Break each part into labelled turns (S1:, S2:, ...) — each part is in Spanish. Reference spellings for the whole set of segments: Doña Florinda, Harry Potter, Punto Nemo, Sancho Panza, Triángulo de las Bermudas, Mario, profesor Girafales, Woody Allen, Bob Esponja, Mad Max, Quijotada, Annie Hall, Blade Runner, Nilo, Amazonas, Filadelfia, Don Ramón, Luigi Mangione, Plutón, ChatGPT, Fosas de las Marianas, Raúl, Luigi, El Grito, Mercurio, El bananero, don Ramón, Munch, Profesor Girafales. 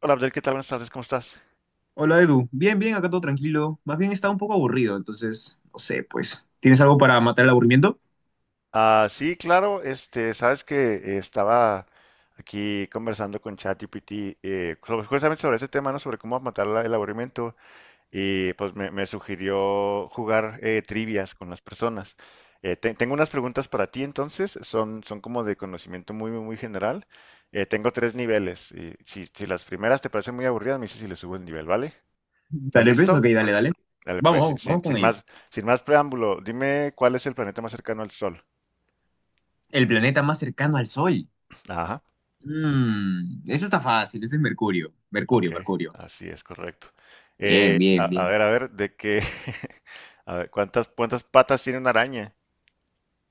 S1: Hola Abdel, ¿qué tal? Buenas tardes, ¿cómo estás?
S2: Hola Edu, bien, bien, acá todo tranquilo. Más bien estaba un poco aburrido, entonces, no sé, pues, ¿tienes algo para matar el aburrimiento?
S1: Ah, sí, claro, sabes que estaba aquí conversando con ChatGPT, justamente sobre este tema, ¿no? Sobre cómo matar el aburrimiento y pues me sugirió jugar trivias con las personas. Tengo unas preguntas para ti entonces, son como de conocimiento muy general. Tengo tres niveles y si las primeras te parecen muy aburridas, me dices si le subo el nivel, ¿vale? ¿Estás
S2: Dale, pues, ok,
S1: listo?
S2: dale, dale.
S1: Dale,
S2: Vamos,
S1: pues,
S2: vamos, vamos con
S1: sin
S2: ello.
S1: más, sin más preámbulo, dime cuál es el planeta más cercano al Sol.
S2: El planeta más cercano al Sol.
S1: Ajá,
S2: Eso está fácil, ese es Mercurio.
S1: ok,
S2: Mercurio, Mercurio.
S1: así es correcto.
S2: Bien, bien, bien.
S1: A ver, a ver, cuántas patas tiene una araña?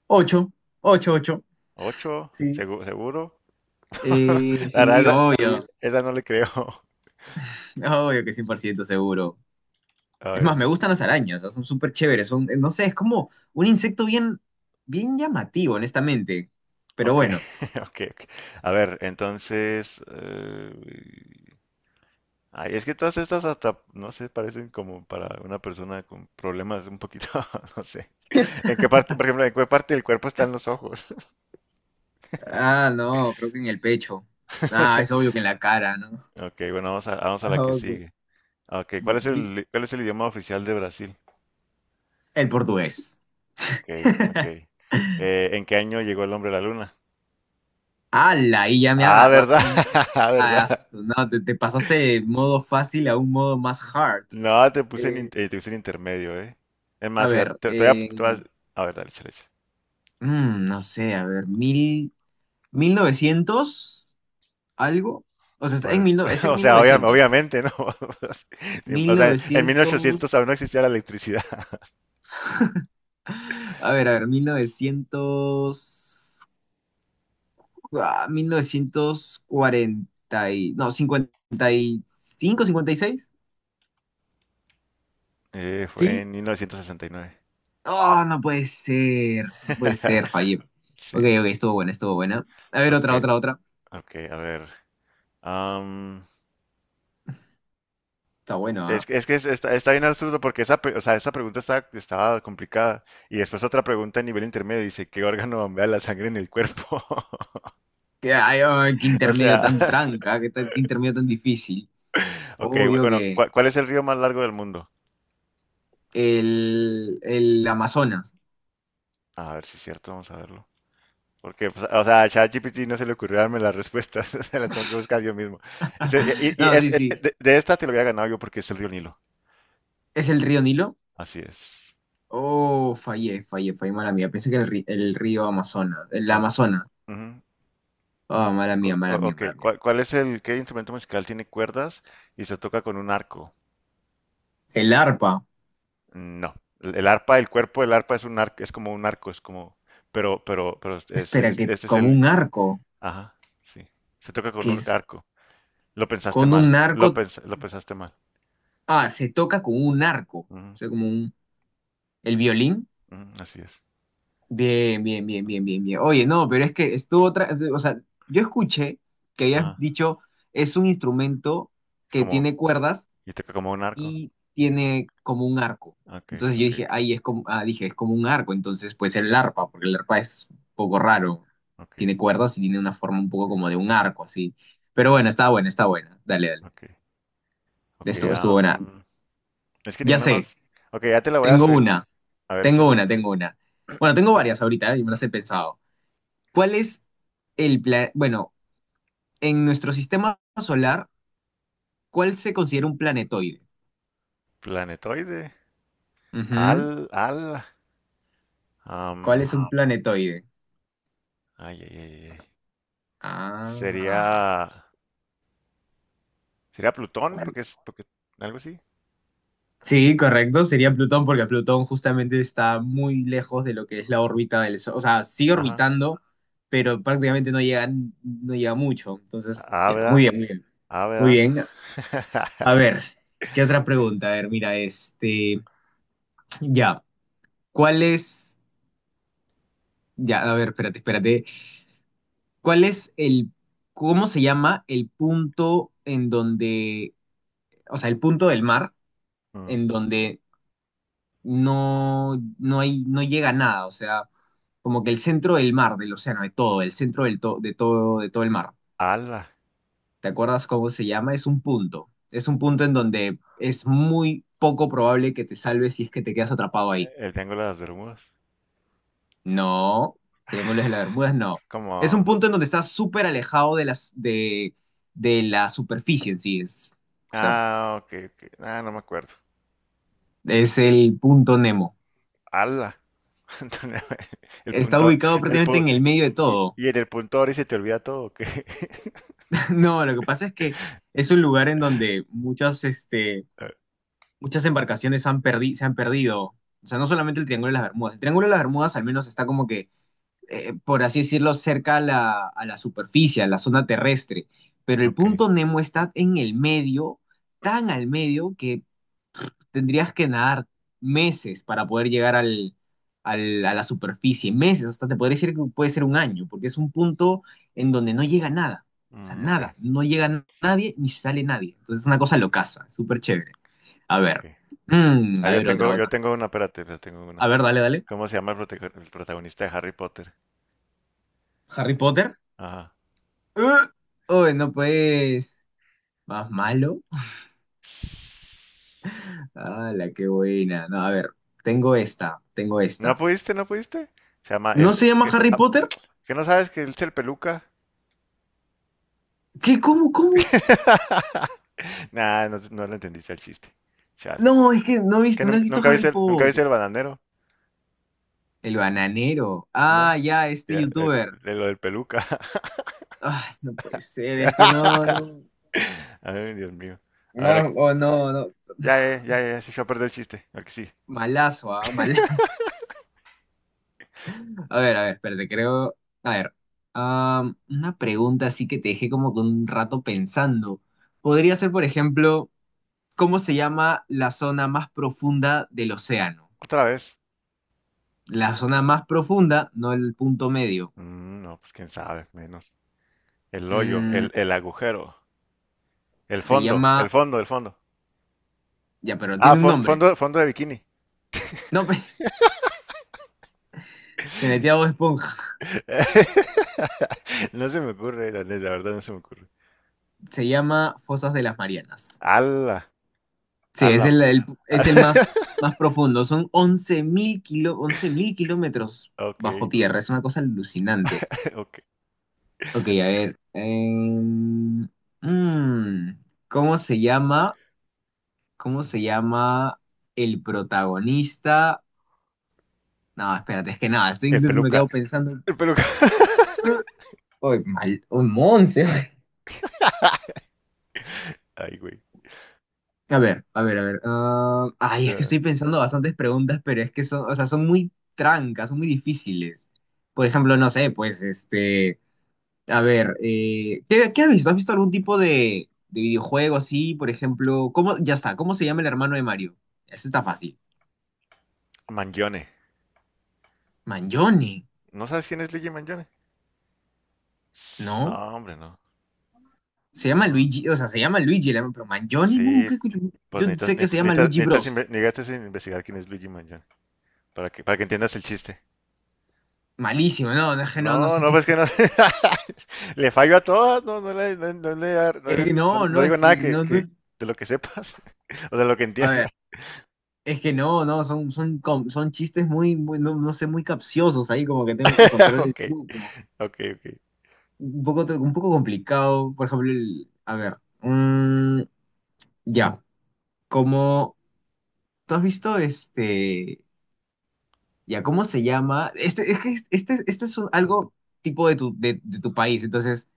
S2: Ocho, ocho, ocho.
S1: ¿Ocho?
S2: Sí.
S1: ¿Seguro?
S2: Eh,
S1: La verdad,
S2: sí,
S1: esa,
S2: obvio.
S1: esa no le creo.
S2: Obvio que 100% seguro.
S1: A
S2: Es más,
S1: ver,
S2: me
S1: sí,
S2: gustan las arañas, ¿no? Son súper chéveres, son, no sé, es como un insecto bien, bien llamativo, honestamente. Pero
S1: ok,
S2: bueno,
S1: ok, ok. A ver, entonces, ay, es que todas estas hasta, no sé, parecen como para una persona con problemas un poquito, no sé. ¿En qué parte, por ejemplo, en qué parte del cuerpo están los ojos?
S2: ah, no, creo que en el pecho. Ah, es obvio que en la cara, ¿no?
S1: Ok, bueno, vamos a la que
S2: Ah, güey.
S1: sigue. Ok,
S2: Y-
S1: ¿cuál es el idioma oficial de Brasil?
S2: El portugués.
S1: Ok, ok. ¿En qué año llegó el hombre a la luna?
S2: ¡Hala! Ahí ya me
S1: Ah,
S2: agarras.
S1: ¿verdad? Ah, ¿verdad?
S2: Ah, no, te pasaste de modo fácil a un modo más hard.
S1: No,
S2: Eh,
S1: te puse en intermedio, ¿eh? Es
S2: a
S1: más, mira,
S2: ver,
S1: te voy a ver, dale, échale, échale.
S2: no sé, a ver, mil novecientos algo. O sea, está en
S1: Pues,
S2: 1000, es en
S1: o
S2: mil
S1: sea,
S2: novecientos
S1: obviamente, ¿no?
S2: mil
S1: O sea, en
S2: novecientos
S1: 1800 aún no existía la electricidad.
S2: A ver, 1900. Mil novecientos cuarenta No, 50 55 56
S1: Fue
S2: ¿Sí?
S1: en 1969.
S2: Oh, no puede ser. No puede ser, fallé. Ok,
S1: Sí,
S2: ok, estuvo buena, estuvo buena. A ver,
S1: ok.
S2: otra, otra, otra.
S1: Ok, a ver. am,
S2: Está bueno, ¿ah?
S1: está, está bien absurdo porque o sea, estaba complicada. Y después otra pregunta a nivel intermedio dice, ¿qué órgano bombea la sangre en el cuerpo?
S2: Qué, ay, ay, qué
S1: O
S2: intermedio
S1: sea,
S2: tan tranca, qué intermedio tan difícil.
S1: ok,
S2: Obvio
S1: bueno,
S2: que
S1: ¿cuál es el río más largo del mundo?
S2: el Amazonas.
S1: A ver si es cierto, vamos a verlo. Porque, pues, o sea, a ChatGPT no se le ocurrió darme las respuestas, se las tengo que buscar yo mismo. Ese- y y- y
S2: No,
S1: es-
S2: sí, sí.
S1: de esta te lo había ganado yo porque es el río Nilo.
S2: ¿Es el río Nilo?
S1: Así es.
S2: Oh, fallé, fallé, fallé, mala mía. Pensé que el río Amazonas, el
S1: Ah,
S2: Amazona.
S1: ujú.
S2: Oh, mala mía, mala mía,
S1: Ok,
S2: mala mía.
S1: ¿qué instrumento musical tiene cuerdas y se toca con un arco?
S2: El arpa.
S1: Mm, no, el arpa, el cuerpo del arpa es un arco, es como un arco, es como, pero
S2: Espera, que
S1: este es
S2: como
S1: el,
S2: un arco,
S1: ajá, sí, se toca con
S2: que
S1: un
S2: es
S1: arco. Lo pensaste
S2: con un
S1: mal,
S2: arco.
S1: lo pensaste mal.
S2: Ah, se toca con un arco. O
S1: Ujú,
S2: sea, como un. El violín.
S1: ujú, así es.
S2: Bien, bien, bien, bien, bien, bien. Oye, no, pero es que estuvo otra. O sea, yo escuché que habías
S1: Ah,
S2: dicho es un instrumento que
S1: como,
S2: tiene cuerdas
S1: y toca como un arco.
S2: y tiene como un arco.
S1: Ok,
S2: Entonces yo
S1: ok,
S2: dije,
S1: ok,
S2: ahí es como, dije, es como un arco, entonces puede ser el arpa, porque el arpa es un poco raro.
S1: ok,
S2: Tiene cuerdas y tiene una forma un poco como de un arco, así. Pero bueno, está buena, está buena. Dale, dale.
S1: ok, ok,
S2: Estuvo buena.
S1: es que
S2: Ya
S1: ninguna
S2: sé,
S1: más. Ok, ya te la voy a
S2: tengo
S1: subir.
S2: una,
S1: A ver,
S2: tengo
S1: échale.
S2: una, tengo una. Bueno, tengo varias ahorita, ¿eh? Y me las he pensado. ¿Cuál es el plan? Bueno, en nuestro sistema solar, ¿cuál se considera un planetoide?
S1: Planetoide.
S2: Ujú.
S1: Al, al.
S2: ¿Cuál es un Wow.
S1: Am,
S2: planetoide?
S1: ay, ay, ay, ay. Sería,
S2: Ah.
S1: sería Plutón, porque, algo así.
S2: Sí, correcto, sería Plutón porque Plutón justamente está muy lejos de lo que es la órbita del Sol. O sea, sigue
S1: Ajá.
S2: orbitando, pero prácticamente no llega, no llega mucho. Entonces,
S1: A,
S2: ya, muy
S1: ¿verdad?
S2: bien, muy bien.
S1: A,
S2: Muy
S1: ¿verdad?
S2: bien. A ver, ¿qué otra pregunta? A ver, mira, este, ya, ¿cuál es, ya, a ver, espérate, espérate. ¿Cuál es cómo se llama el punto en donde, o sea, el punto del mar
S1: Mm.
S2: en donde no hay, no llega a nada, o sea, como que el centro del mar, del océano, de todo, el centro del to- de todo el mar.
S1: Alba.
S2: ¿Te acuerdas cómo se llama? Es un punto. Es un punto en donde es muy poco probable que te salves si es que te quedas atrapado ahí.
S1: El Triángulo de las Bermudas.
S2: No, Triángulos de las
S1: Ah,
S2: Bermudas, no. Es un
S1: como,
S2: punto en donde estás súper alejado de las, de la superficie en sí. Es, o sea,
S1: ah, ok, ok. Ah, no me acuerdo.
S2: es el punto Nemo.
S1: Ala. Antonio, el
S2: Está
S1: punto,
S2: ubicado
S1: el
S2: prácticamente
S1: pu-
S2: en el medio de
S1: y,
S2: todo.
S1: y en el punto ahora se te olvida todo, ¿o qué?
S2: No, lo que pasa es que es un lugar en donde muchas, este,
S1: Eh,
S2: muchas embarcaciones se han perdido. O sea, no solamente el Triángulo de las Bermudas. El Triángulo de las Bermudas al menos está como que, por así decirlo, cerca a la superficie, a la zona terrestre. Pero el
S1: ok,
S2: punto Nemo está en el medio, tan al medio que tendrías que nadar meses para poder llegar al, a la superficie, meses, hasta te podría decir que puede ser un año, porque es un punto en donde no llega nada, o sea,
S1: mm, ok,
S2: nada, no llega nadie ni sale nadie. Entonces es una cosa
S1: mm,
S2: locaza, súper chévere. A
S1: ok.
S2: ver,
S1: Ah,
S2: a ver, otra,
S1: yo
S2: otra.
S1: tengo una, espérate, yo tengo
S2: A
S1: una.
S2: ver, dale, dale.
S1: ¿Cómo se llama el protagonista de Harry Potter?
S2: Harry Potter.
S1: Ajá.
S2: ¡Ugh! Uy, no pues, más malo. La qué buena! No, a ver, tengo esta, tengo
S1: ¿No
S2: esta.
S1: pudiste? ¿No pudiste? Se llama
S2: ¿No
S1: el...
S2: se llama
S1: ¿Qué,
S2: Harry
S1: ah,
S2: Potter?
S1: ¿qué no sabes que él es el peluca?
S2: ¿Qué? ¿Cómo? ¿Cómo?
S1: Nah, no, no le entendiste el chiste. Chale.
S2: No, es que no he visto, no he visto
S1: ¿Nunca
S2: Harry
S1: nunca viste
S2: Potter.
S1: el bananero?
S2: El bananero.
S1: ¿No?
S2: Ah, ya, este
S1: Ya, el-
S2: youtuber.
S1: de lo del peluca.
S2: Ay, no puede ser, es que no,
S1: Ya.
S2: no.
S1: Ay, Dios mío. A ver,
S2: No,
S1: aquí-
S2: oh, no, no.
S1: ya, ya, ya, ya, se echó a perder el chiste. Aquí sí.
S2: Malazo, ah, malazo. A ver, espérate, creo. A ver. Una pregunta así que te dejé como con un rato pensando. Podría ser, por ejemplo, ¿cómo se llama la zona más profunda del océano?
S1: ¿Otra vez?
S2: La zona más profunda, no el punto medio.
S1: Mm, no, pues quién sabe, menos.
S2: Mm,
S1: El agujero. El
S2: se
S1: fondo, el
S2: llama.
S1: fondo, el fondo.
S2: Ya, pero
S1: Ah,
S2: tiene un nombre.
S1: fondo, fondo de bikini.
S2: No, Se metía a Bob Esponja.
S1: No se me ocurre, la, neta, la verdad no se me ocurre.
S2: Se llama Fosas de las Marianas.
S1: Ala,
S2: Sí, es
S1: ala, ala.
S2: el más, más profundo. Son 11.000 kilómetros
S1: Ok,
S2: bajo tierra. Es una cosa alucinante.
S1: ok.
S2: Ok, a ver. Mm, ¿cómo se llama? ¿Cómo se llama el protagonista? No, espérate, es que nada, estoy
S1: El
S2: incluso me
S1: peluca,
S2: quedo pensando.
S1: el peluca.
S2: Uy, mal, un monce.
S1: Ay, güey.
S2: A ver, a ver, a ver. Ay, es que
S1: Eh,
S2: estoy pensando bastantes preguntas, pero es que son, o sea, son muy trancas, son muy difíciles. Por ejemplo, no sé, pues, este, a ver, ¿qué has visto? ¿Has visto algún tipo de videojuego así? Por ejemplo, ya está, ¿cómo se llama el hermano de Mario? Ese está fácil.
S1: Mangione.
S2: Mangione,
S1: ¿No sabes quién es Luigi Mangione? No,
S2: ¿no?
S1: hombre, no.
S2: Se llama
S1: No.
S2: Luigi, o sea, se llama Luigi, el hermano, pero Mangione
S1: Sí,
S2: nunca escucho.
S1: pues
S2: Yo sé que se llama Luigi
S1: necesitas
S2: Bros.
S1: necesitas investigar quién es Luigi Mangione para que entiendas el chiste.
S2: Malísimo, no, no, es que no, no
S1: No,
S2: sé
S1: no,
S2: quién
S1: pues que
S2: es.
S1: no. Le fallo a todas, no, no, le, no, no le- no le-
S2: Eh,
S1: no-
S2: no,
S1: no
S2: no, es
S1: digo nada
S2: que no, no.
S1: de lo que sepas o de lo que
S2: A
S1: entiendas.
S2: ver. Es que no, son chistes muy, muy, no, no sé, muy capciosos ahí, como que tengo que encontrar el
S1: Ok,
S2: truco.
S1: ok, ok.
S2: Un poco, un poco complicado, por ejemplo, a ver, ya, como, ¿tú has visto este, ya, ¿cómo se llama? Este, es que este es algo tipo de tu país, entonces,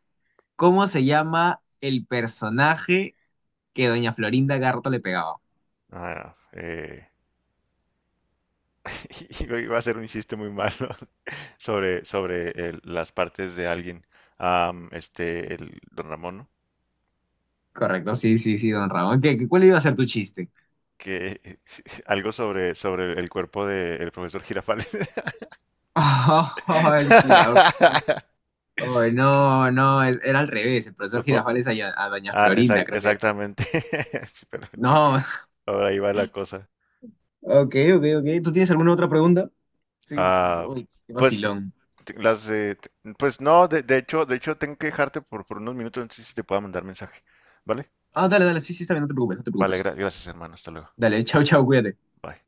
S2: ¿cómo se llama el personaje que doña Florinda Garto le pegaba?
S1: Ah, iba a hacer un chiste muy malo sobre, las partes de alguien. Am, este, el don Ramón, ¿no?
S2: Correcto, sí, sí, sí, don Ramón. ¿Qué, cuál iba a ser tu chiste?
S1: Que algo sobre, sobre el cuerpo del profesor Girafales.
S2: Oh, el jirafa. Ay, no, no, era al revés. El
S1: Lo
S2: profesor
S1: po-
S2: Girafales a Doña
S1: Ah,
S2: Florinda, creo que era.
S1: exactamente. Sí, pero...
S2: No,
S1: ahora ahí va la cosa.
S2: ok, ok, ok. ¿Tú tienes alguna otra pregunta? Sí,
S1: Ah,
S2: uy, qué
S1: pues
S2: vacilón.
S1: te- las de, te- pues no, de hecho tengo que dejarte por unos minutos, entonces si te puedo mandar mensaje. ¿Vale?
S2: Ah, dale, dale, sí, sí, está bien, no te preocupes, no te
S1: Vale,
S2: preocupes.
S1: gracias, hermano. Hasta luego.
S2: Dale, chau chau cuídate.
S1: Bye.